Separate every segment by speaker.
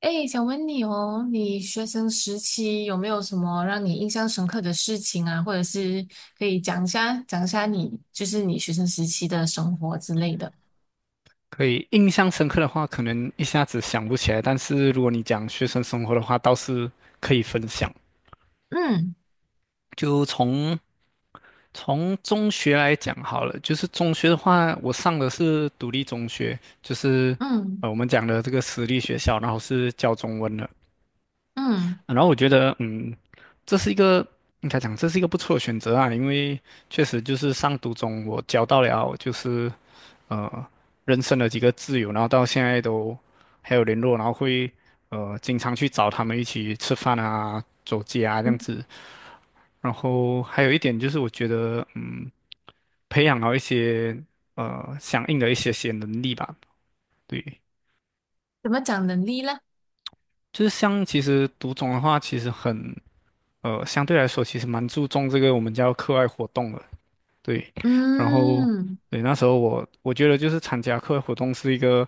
Speaker 1: 哎，想问你哦，你学生时期有没有什么让你印象深刻的事情啊？或者是可以讲一下，你就是你学生时期的生活之类的。
Speaker 2: 可以，印象深刻的话，可能一下子想不起来。但是如果你讲学生生活的话，倒是可以分享。
Speaker 1: 嗯，
Speaker 2: 就从中学来讲好了，就是中学的话，我上的是独立中学，就是
Speaker 1: 嗯，
Speaker 2: 我们讲的这个私立学校，然后是教中文的。
Speaker 1: 嗯，
Speaker 2: 然后我觉得，这是一个应该讲这是一个不错的选择啊，因为确实就是上读中我交到了就是呃人生的几个挚友，然后到现在都还有联络，然后会经常去找他们一起吃饭啊、走街啊这样
Speaker 1: 嗯，
Speaker 2: 子。然后还有一点就是，我觉得培养到一些相应的一些些能力吧。对，
Speaker 1: 怎么讲能力呢？
Speaker 2: 就是像其实读中的话，其实很。呃，相对来说其实蛮注重这个我们叫课外活动的，对。然后，
Speaker 1: 嗯，
Speaker 2: 对，那时候我觉得就是参加课外活动是一个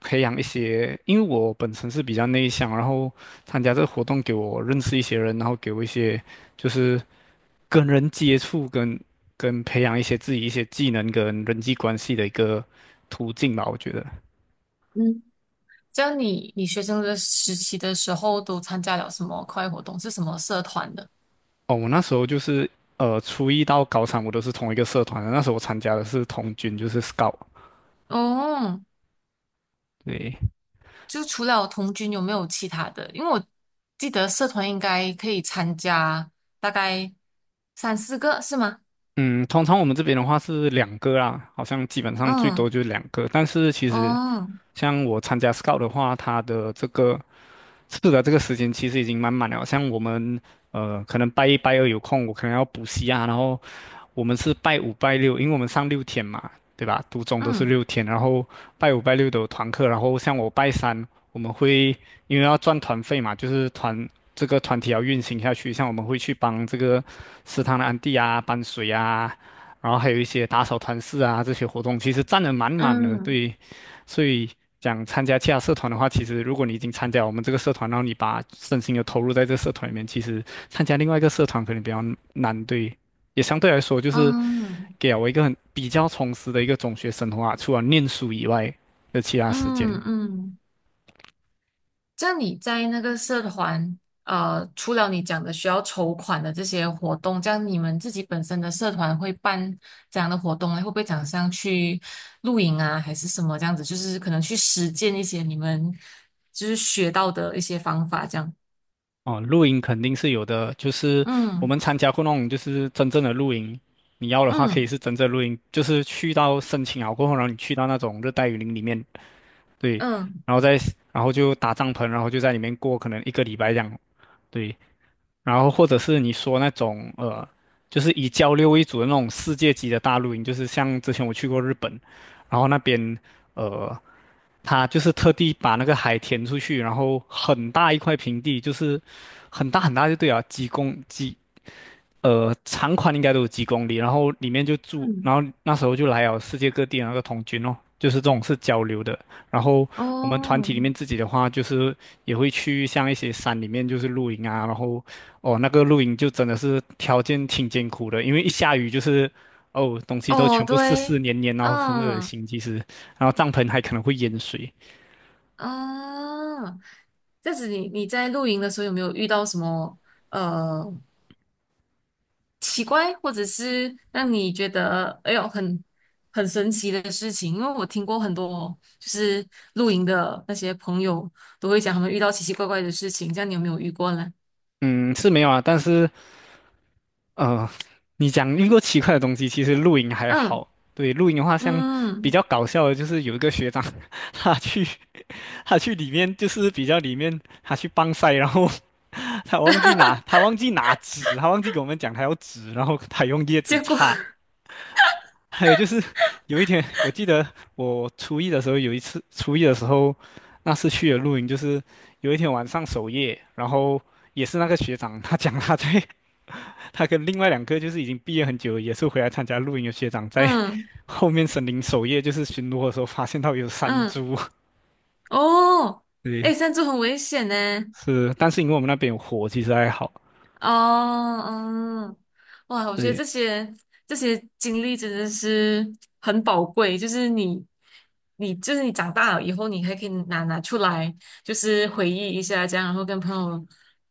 Speaker 2: 培养一些，因为我本身是比较内向，然后参加这个活动给我认识一些人，然后给我一些就是跟人接触跟培养一些自己一些技能跟人际关系的一个途径吧，我觉得。
Speaker 1: 嗯，这样你学生的时期的时候都参加了什么课外活动？是什么社团的？
Speaker 2: 哦，我那时候就是初一到高三我都是同一个社团的，那时候我参加的是童军，就是 Scout。
Speaker 1: 哦，
Speaker 2: 对，
Speaker 1: 就除了童军，有没有其他的？因为我记得社团应该可以参加大概三四个，是吗？
Speaker 2: 嗯，通常我们这边的话是两个啦，好像基本上最多
Speaker 1: 嗯，
Speaker 2: 就是两个。但是其实
Speaker 1: 哦，
Speaker 2: 像我参加 Scout 的话，它的这个时间其实已经满满了。像我们可能拜一拜二有空，我可能要补习啊，然后我们是拜五拜六，因为我们上六天嘛，对吧？读中都是
Speaker 1: 嗯，
Speaker 2: 六天，然后拜五拜六的团课，然后像我拜三，我们会因为要赚团费嘛，就是这个团体要运行下去，像我们会去帮这个食堂的安地啊搬水啊，然后还有一些打扫团室啊这些活动，其实占的满满的，
Speaker 1: 嗯，
Speaker 2: 对，所以。讲参加其他社团的话，其实如果你已经参加我们这个社团，然后你把身心又投入在这个社团里面，其实参加另外一个社团可能比较难，对。也相对来说就是
Speaker 1: 嗯，
Speaker 2: 给了我一个很比较充实的一个中学生活啊，除了念书以外的其他时间。
Speaker 1: 嗯，嗯。这样你在那个社团，除了你讲的需要筹款的这些活动，这样你们自己本身的社团会办这样的活动呢会不会讲像去露营啊，还是什么这样子？就是可能去实践一些你们就是学到的一些方法，这样。
Speaker 2: 哦，露营肯定是有的，就是我
Speaker 1: 嗯，
Speaker 2: 们参加过那种就是真正的露营，你要的话可以
Speaker 1: 嗯，
Speaker 2: 是真正露营，就是去到申请好过后，然后你去到那种热带雨林里面，对，
Speaker 1: 嗯，
Speaker 2: 然后再然后就搭帐篷，然后就在里面过可能一个礼拜这样，对。然后或者是你说那种就是以交流为主的那种世界级的大露营，就是像之前我去过日本，然后那边呃，他就是特地把那个海填出去，然后很大一块平地，就是很大很大就对啊，几公几呃，长宽应该都有几公里，然后里面就住，
Speaker 1: 嗯，
Speaker 2: 然后那时候就来了世界各地的那个童军哦，就是这种是交流的。然后我们团
Speaker 1: 哦，
Speaker 2: 体里面自己的话，就是也会去像一些山里面就是露营啊，然后哦那个露营就真的是条件挺艰苦的，因为一下雨就是哦东西都
Speaker 1: 哦，
Speaker 2: 全部湿
Speaker 1: 对，
Speaker 2: 湿黏黏，然后很恶
Speaker 1: 嗯，
Speaker 2: 心其实，然后帐篷还可能会淹水。
Speaker 1: 啊，这样子你在露营的时候有没有遇到什么呃奇怪，或者是让你觉得哎呦很神奇的事情？因为我听过很多就是露营的那些朋友都会讲他们遇到奇奇怪怪的事情，这样你有没有遇过呢？
Speaker 2: 嗯，是没有啊，但是呃，你讲遇过奇怪的东西，其实露营还
Speaker 1: 嗯，
Speaker 2: 好。对，露营的话，像比
Speaker 1: 嗯，
Speaker 2: 较搞笑的，就是有一个学长，他去他去里面，就是比较里面，他去帮晒，然后 他忘记拿纸，他忘记给我们讲他要纸，然后他用叶子
Speaker 1: 结果。
Speaker 2: 擦。还有就是有一天，我记得我初一的时候有一次，初一的时候那次去的露营，就是有一天晚上守夜，然后也是那个学长，他讲他在他跟另外两个就是已经毕业很久，也是回来参加露营的学长，在
Speaker 1: 嗯，
Speaker 2: 后面森林守夜，就是巡逻的时候发现到有山
Speaker 1: 嗯。
Speaker 2: 猪。
Speaker 1: 哦，
Speaker 2: 对
Speaker 1: 哎，山猪很危险呢。
Speaker 2: 是，但是因为我们那边有火，其实还好。
Speaker 1: 哦，嗯，哇，我觉得
Speaker 2: 对，
Speaker 1: 这些经历真的是很宝贵，就是你就是你长大了以后，你还可以拿出来，就是回忆一下这样，然后跟朋友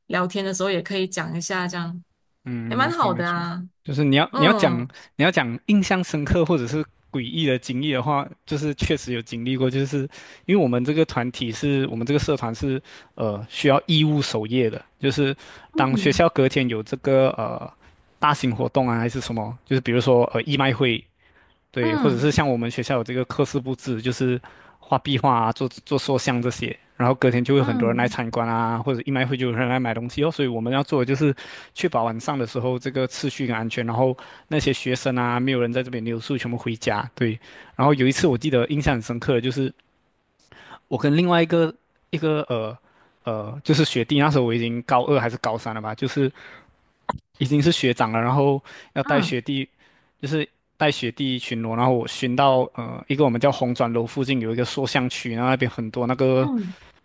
Speaker 1: 聊天的时候也可以讲一下，这样
Speaker 2: 嗯，
Speaker 1: 也
Speaker 2: 没有
Speaker 1: 蛮
Speaker 2: 错，
Speaker 1: 好
Speaker 2: 没
Speaker 1: 的
Speaker 2: 错，
Speaker 1: 啊。
Speaker 2: 就是你要你要讲
Speaker 1: 嗯，
Speaker 2: 你要讲印象深刻或者是诡异的经历的话，就是确实有经历过，就是因为我们这个社团是需要义务守夜的，就是当学
Speaker 1: 嗯，
Speaker 2: 校隔天有这个大型活动啊还是什么，就是比如说义卖会对，或者是
Speaker 1: 嗯，
Speaker 2: 像我们学校有这个课室布置，就是画壁画啊，做做塑像这些，然后隔天就会很多人来
Speaker 1: 嗯，
Speaker 2: 参观啊，或者一卖会就有人来买东西哦。所以我们要做的就是确保晚上的时候这个秩序跟安全，然后那些学生啊，没有人在这边留宿，全部回家。对，然后有一次我记得印象很深刻的就是我跟另外一个一个呃。就是学弟，那时候我已经高二还是高三了吧，就是已经是学长了，然后要带
Speaker 1: 嗯，
Speaker 2: 学弟，就是带学弟巡逻，然后我巡到一个我们叫红砖楼附近有一个塑像区，然后那边很多那个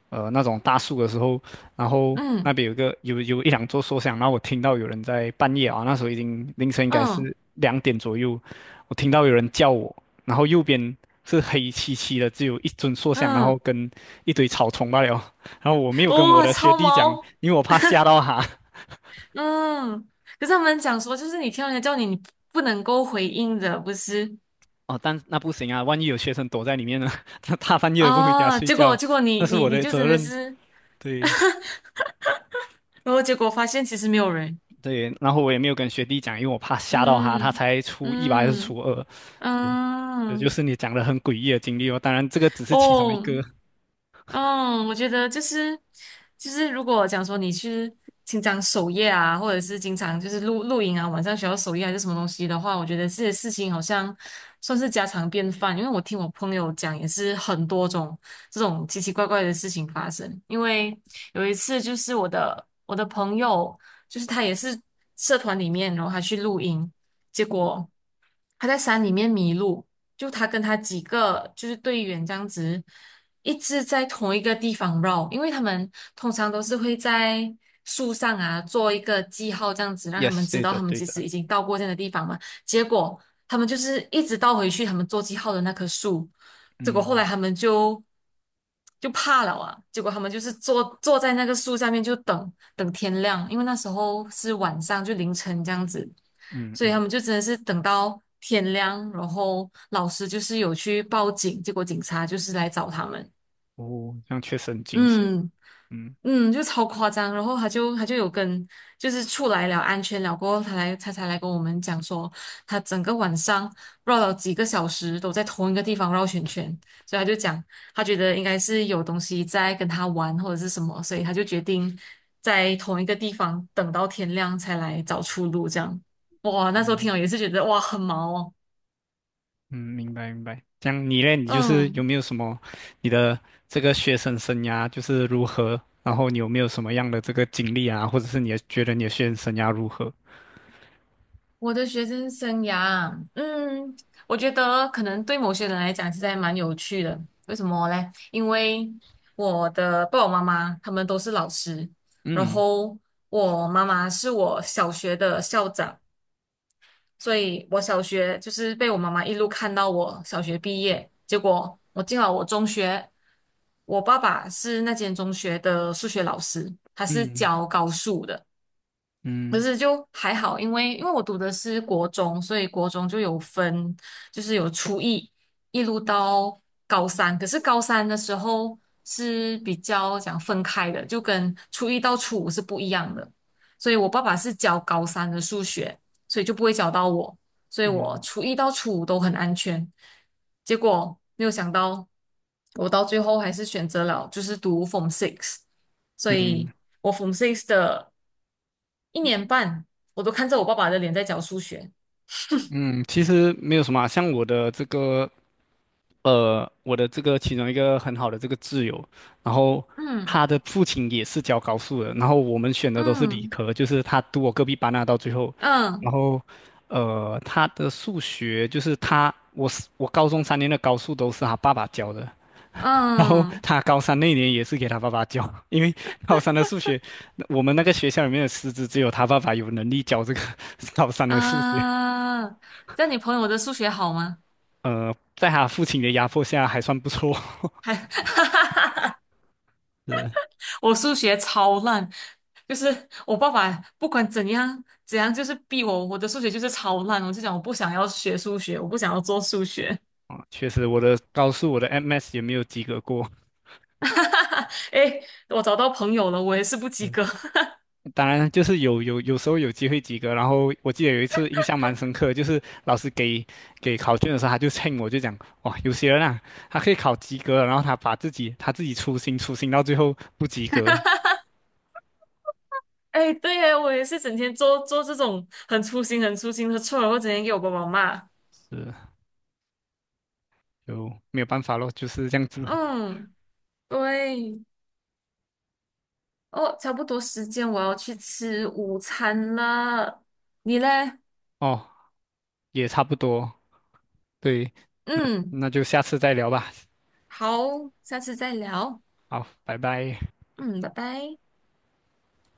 Speaker 2: 呃那种大树的时候，然后
Speaker 1: 嗯，
Speaker 2: 那
Speaker 1: 嗯，
Speaker 2: 边有一两座塑像，然后我听到有人在半夜啊，那时候已经凌晨应该
Speaker 1: 嗯，
Speaker 2: 是2点左右，我听到有人叫我，然后右边是黑漆漆的，只有一尊塑像，然后
Speaker 1: 嗯，
Speaker 2: 跟一堆草丛罢了，然后我没有跟我
Speaker 1: 哇，
Speaker 2: 的学
Speaker 1: 超
Speaker 2: 弟讲
Speaker 1: 毛！
Speaker 2: 因为我怕吓到他，
Speaker 1: 嗯，可是他们讲说，就是你听到人家叫你，你不能够回应的，不是？
Speaker 2: 哦，但那不行啊，万一有学生躲在里面呢？他大半夜的不回家
Speaker 1: 啊？
Speaker 2: 睡觉，
Speaker 1: 结果
Speaker 2: 那
Speaker 1: 你
Speaker 2: 是我的
Speaker 1: 就真
Speaker 2: 责
Speaker 1: 的
Speaker 2: 任。
Speaker 1: 是，
Speaker 2: 对
Speaker 1: 然后结果发现其实没有人。
Speaker 2: 对，然后我也没有跟学弟讲，因为我怕吓到他，他
Speaker 1: 嗯，
Speaker 2: 才初一吧还是初
Speaker 1: 嗯，
Speaker 2: 二。对，这就
Speaker 1: 嗯，
Speaker 2: 是你讲的很诡异的经历哦。当然，这个只是其中一
Speaker 1: 哦，
Speaker 2: 个。
Speaker 1: 嗯，我觉得就是，如果讲说你去经常守夜啊，或者是经常就是露营啊，晚上需要守夜还是什么东西的话，我觉得这些事情好像算是家常便饭。因为我听我朋友讲，也是很多种这种奇奇怪怪的事情发生。因为有一次就是我的朋友，就是他也是社团里面，然后他去露营，结果。他在山里面迷路，就他跟他几个就是队员这样子，一直在同一个地方绕，因为他们通常都是会在树上啊做一个记号，这样子让他们
Speaker 2: Yes，
Speaker 1: 知
Speaker 2: 对
Speaker 1: 道
Speaker 2: 的，
Speaker 1: 他们
Speaker 2: 对
Speaker 1: 其实
Speaker 2: 的。
Speaker 1: 已经到过这样的地方嘛。结果他们就是一直倒回去他们做记号的那棵树，结果后来
Speaker 2: 嗯
Speaker 1: 他们就怕了啊！结果他们就是坐在那个树下面，就等等天亮，因为那时候是晚上，就凌晨这样子。
Speaker 2: 嗯
Speaker 1: 所以他
Speaker 2: 嗯，
Speaker 1: 们就真的是等到天亮，然后老师就是有去报警，结果警察就是来找他们，
Speaker 2: 哦，这样确实很惊险。
Speaker 1: 嗯，
Speaker 2: 嗯
Speaker 1: 嗯，就超夸张。然后他就有跟，就是出来了安全了过后，他才来跟我们讲说，他整个晚上绕了几个小时都在同一个地方绕圈圈，所以他就讲他觉得应该是有东西在跟他玩或者是什么，所以他就决定在同一个地方等到天亮才来找出路。这样，哇，那时候
Speaker 2: 嗯。
Speaker 1: 听了也是觉得哇很毛哦，
Speaker 2: 嗯，明白明白。这样你嘞，你就是有
Speaker 1: 嗯。
Speaker 2: 没有什么你的这个学生生涯就是如何？然后你有没有什么样的这个经历啊，或者是你的觉得你的学生生涯如何？
Speaker 1: 我的学生生涯啊，我觉得可能对某些人来讲，其实还蛮有趣的。为什么嘞？因为我的爸爸妈妈他们都是老师，然
Speaker 2: 嗯
Speaker 1: 后我妈妈是我小学的校长，所以我小学就是被我妈妈一路看到我小学毕业。结果我进了我中学，我爸爸是那间中学的数学老师，他是
Speaker 2: 嗯
Speaker 1: 教高数的。可
Speaker 2: 嗯
Speaker 1: 是就还好，因为我读的是国中，所以国中就有分，就是有初一一路到高三。可是高三的时候是比较讲分开的，就跟初一到初五是不一样的。所以我爸爸是教高三的数学，所以就不会教到我，所以我
Speaker 2: 嗯
Speaker 1: 初一到初五都很安全。结果没有想到，我到最后还是选择了就是读 Form Six，所
Speaker 2: 嗯
Speaker 1: 以
Speaker 2: 嗯，
Speaker 1: 我 Form Six 的。一年半，我都看着我爸爸的脸在教数学。
Speaker 2: 嗯其实没有什么啊像我的这个其中一个很好的这个挚友，然后
Speaker 1: 嗯，
Speaker 2: 他的父亲也是教高数的，然后我们选的都是理
Speaker 1: 嗯，
Speaker 2: 科，就是他读我隔壁班啊，到最后，
Speaker 1: 嗯，
Speaker 2: 然后他的数学就是他，我高中3年的高数都是他爸爸教的，然后
Speaker 1: 嗯，
Speaker 2: 他高三那年也是给他爸爸教，因为高三的数学，我们那个学校里面的师资只有他爸爸有能力教这个 高三的数学，
Speaker 1: 啊！这样你朋友的数学好吗？
Speaker 2: 在他父亲的压迫下还算不错，
Speaker 1: 还。
Speaker 2: 是。
Speaker 1: 我数学超烂，就是我爸爸不管怎样怎样，就是逼我，我的数学就是超烂。我就讲我不想要学数学，我不想要做数学。
Speaker 2: 啊，确实，我的高数我的 MS 也没有及格过。
Speaker 1: 哎，我找到朋友了，我也是不及
Speaker 2: 嗯
Speaker 1: 格。
Speaker 2: 当然，就是有时候有机会及格。然后我记得有一次印象蛮深刻，就是老师给考卷的时候，他就称我就讲，哇，有些人啊，他可以考及格了，然后他自己粗心粗心到最后不及格，
Speaker 1: 哎，对呀，我也是整天做做这种很粗心、很粗心的错，然后整天给我爸爸骂。
Speaker 2: 是就没有办法咯，就是这样子。
Speaker 1: 嗯，对，哦，差不多时间，我要去吃午餐了。你嘞？
Speaker 2: 哦，也差不多，对，那
Speaker 1: 嗯，
Speaker 2: 那就下次再聊吧。
Speaker 1: 好，下次再聊。
Speaker 2: 好，拜拜。
Speaker 1: 嗯，拜拜。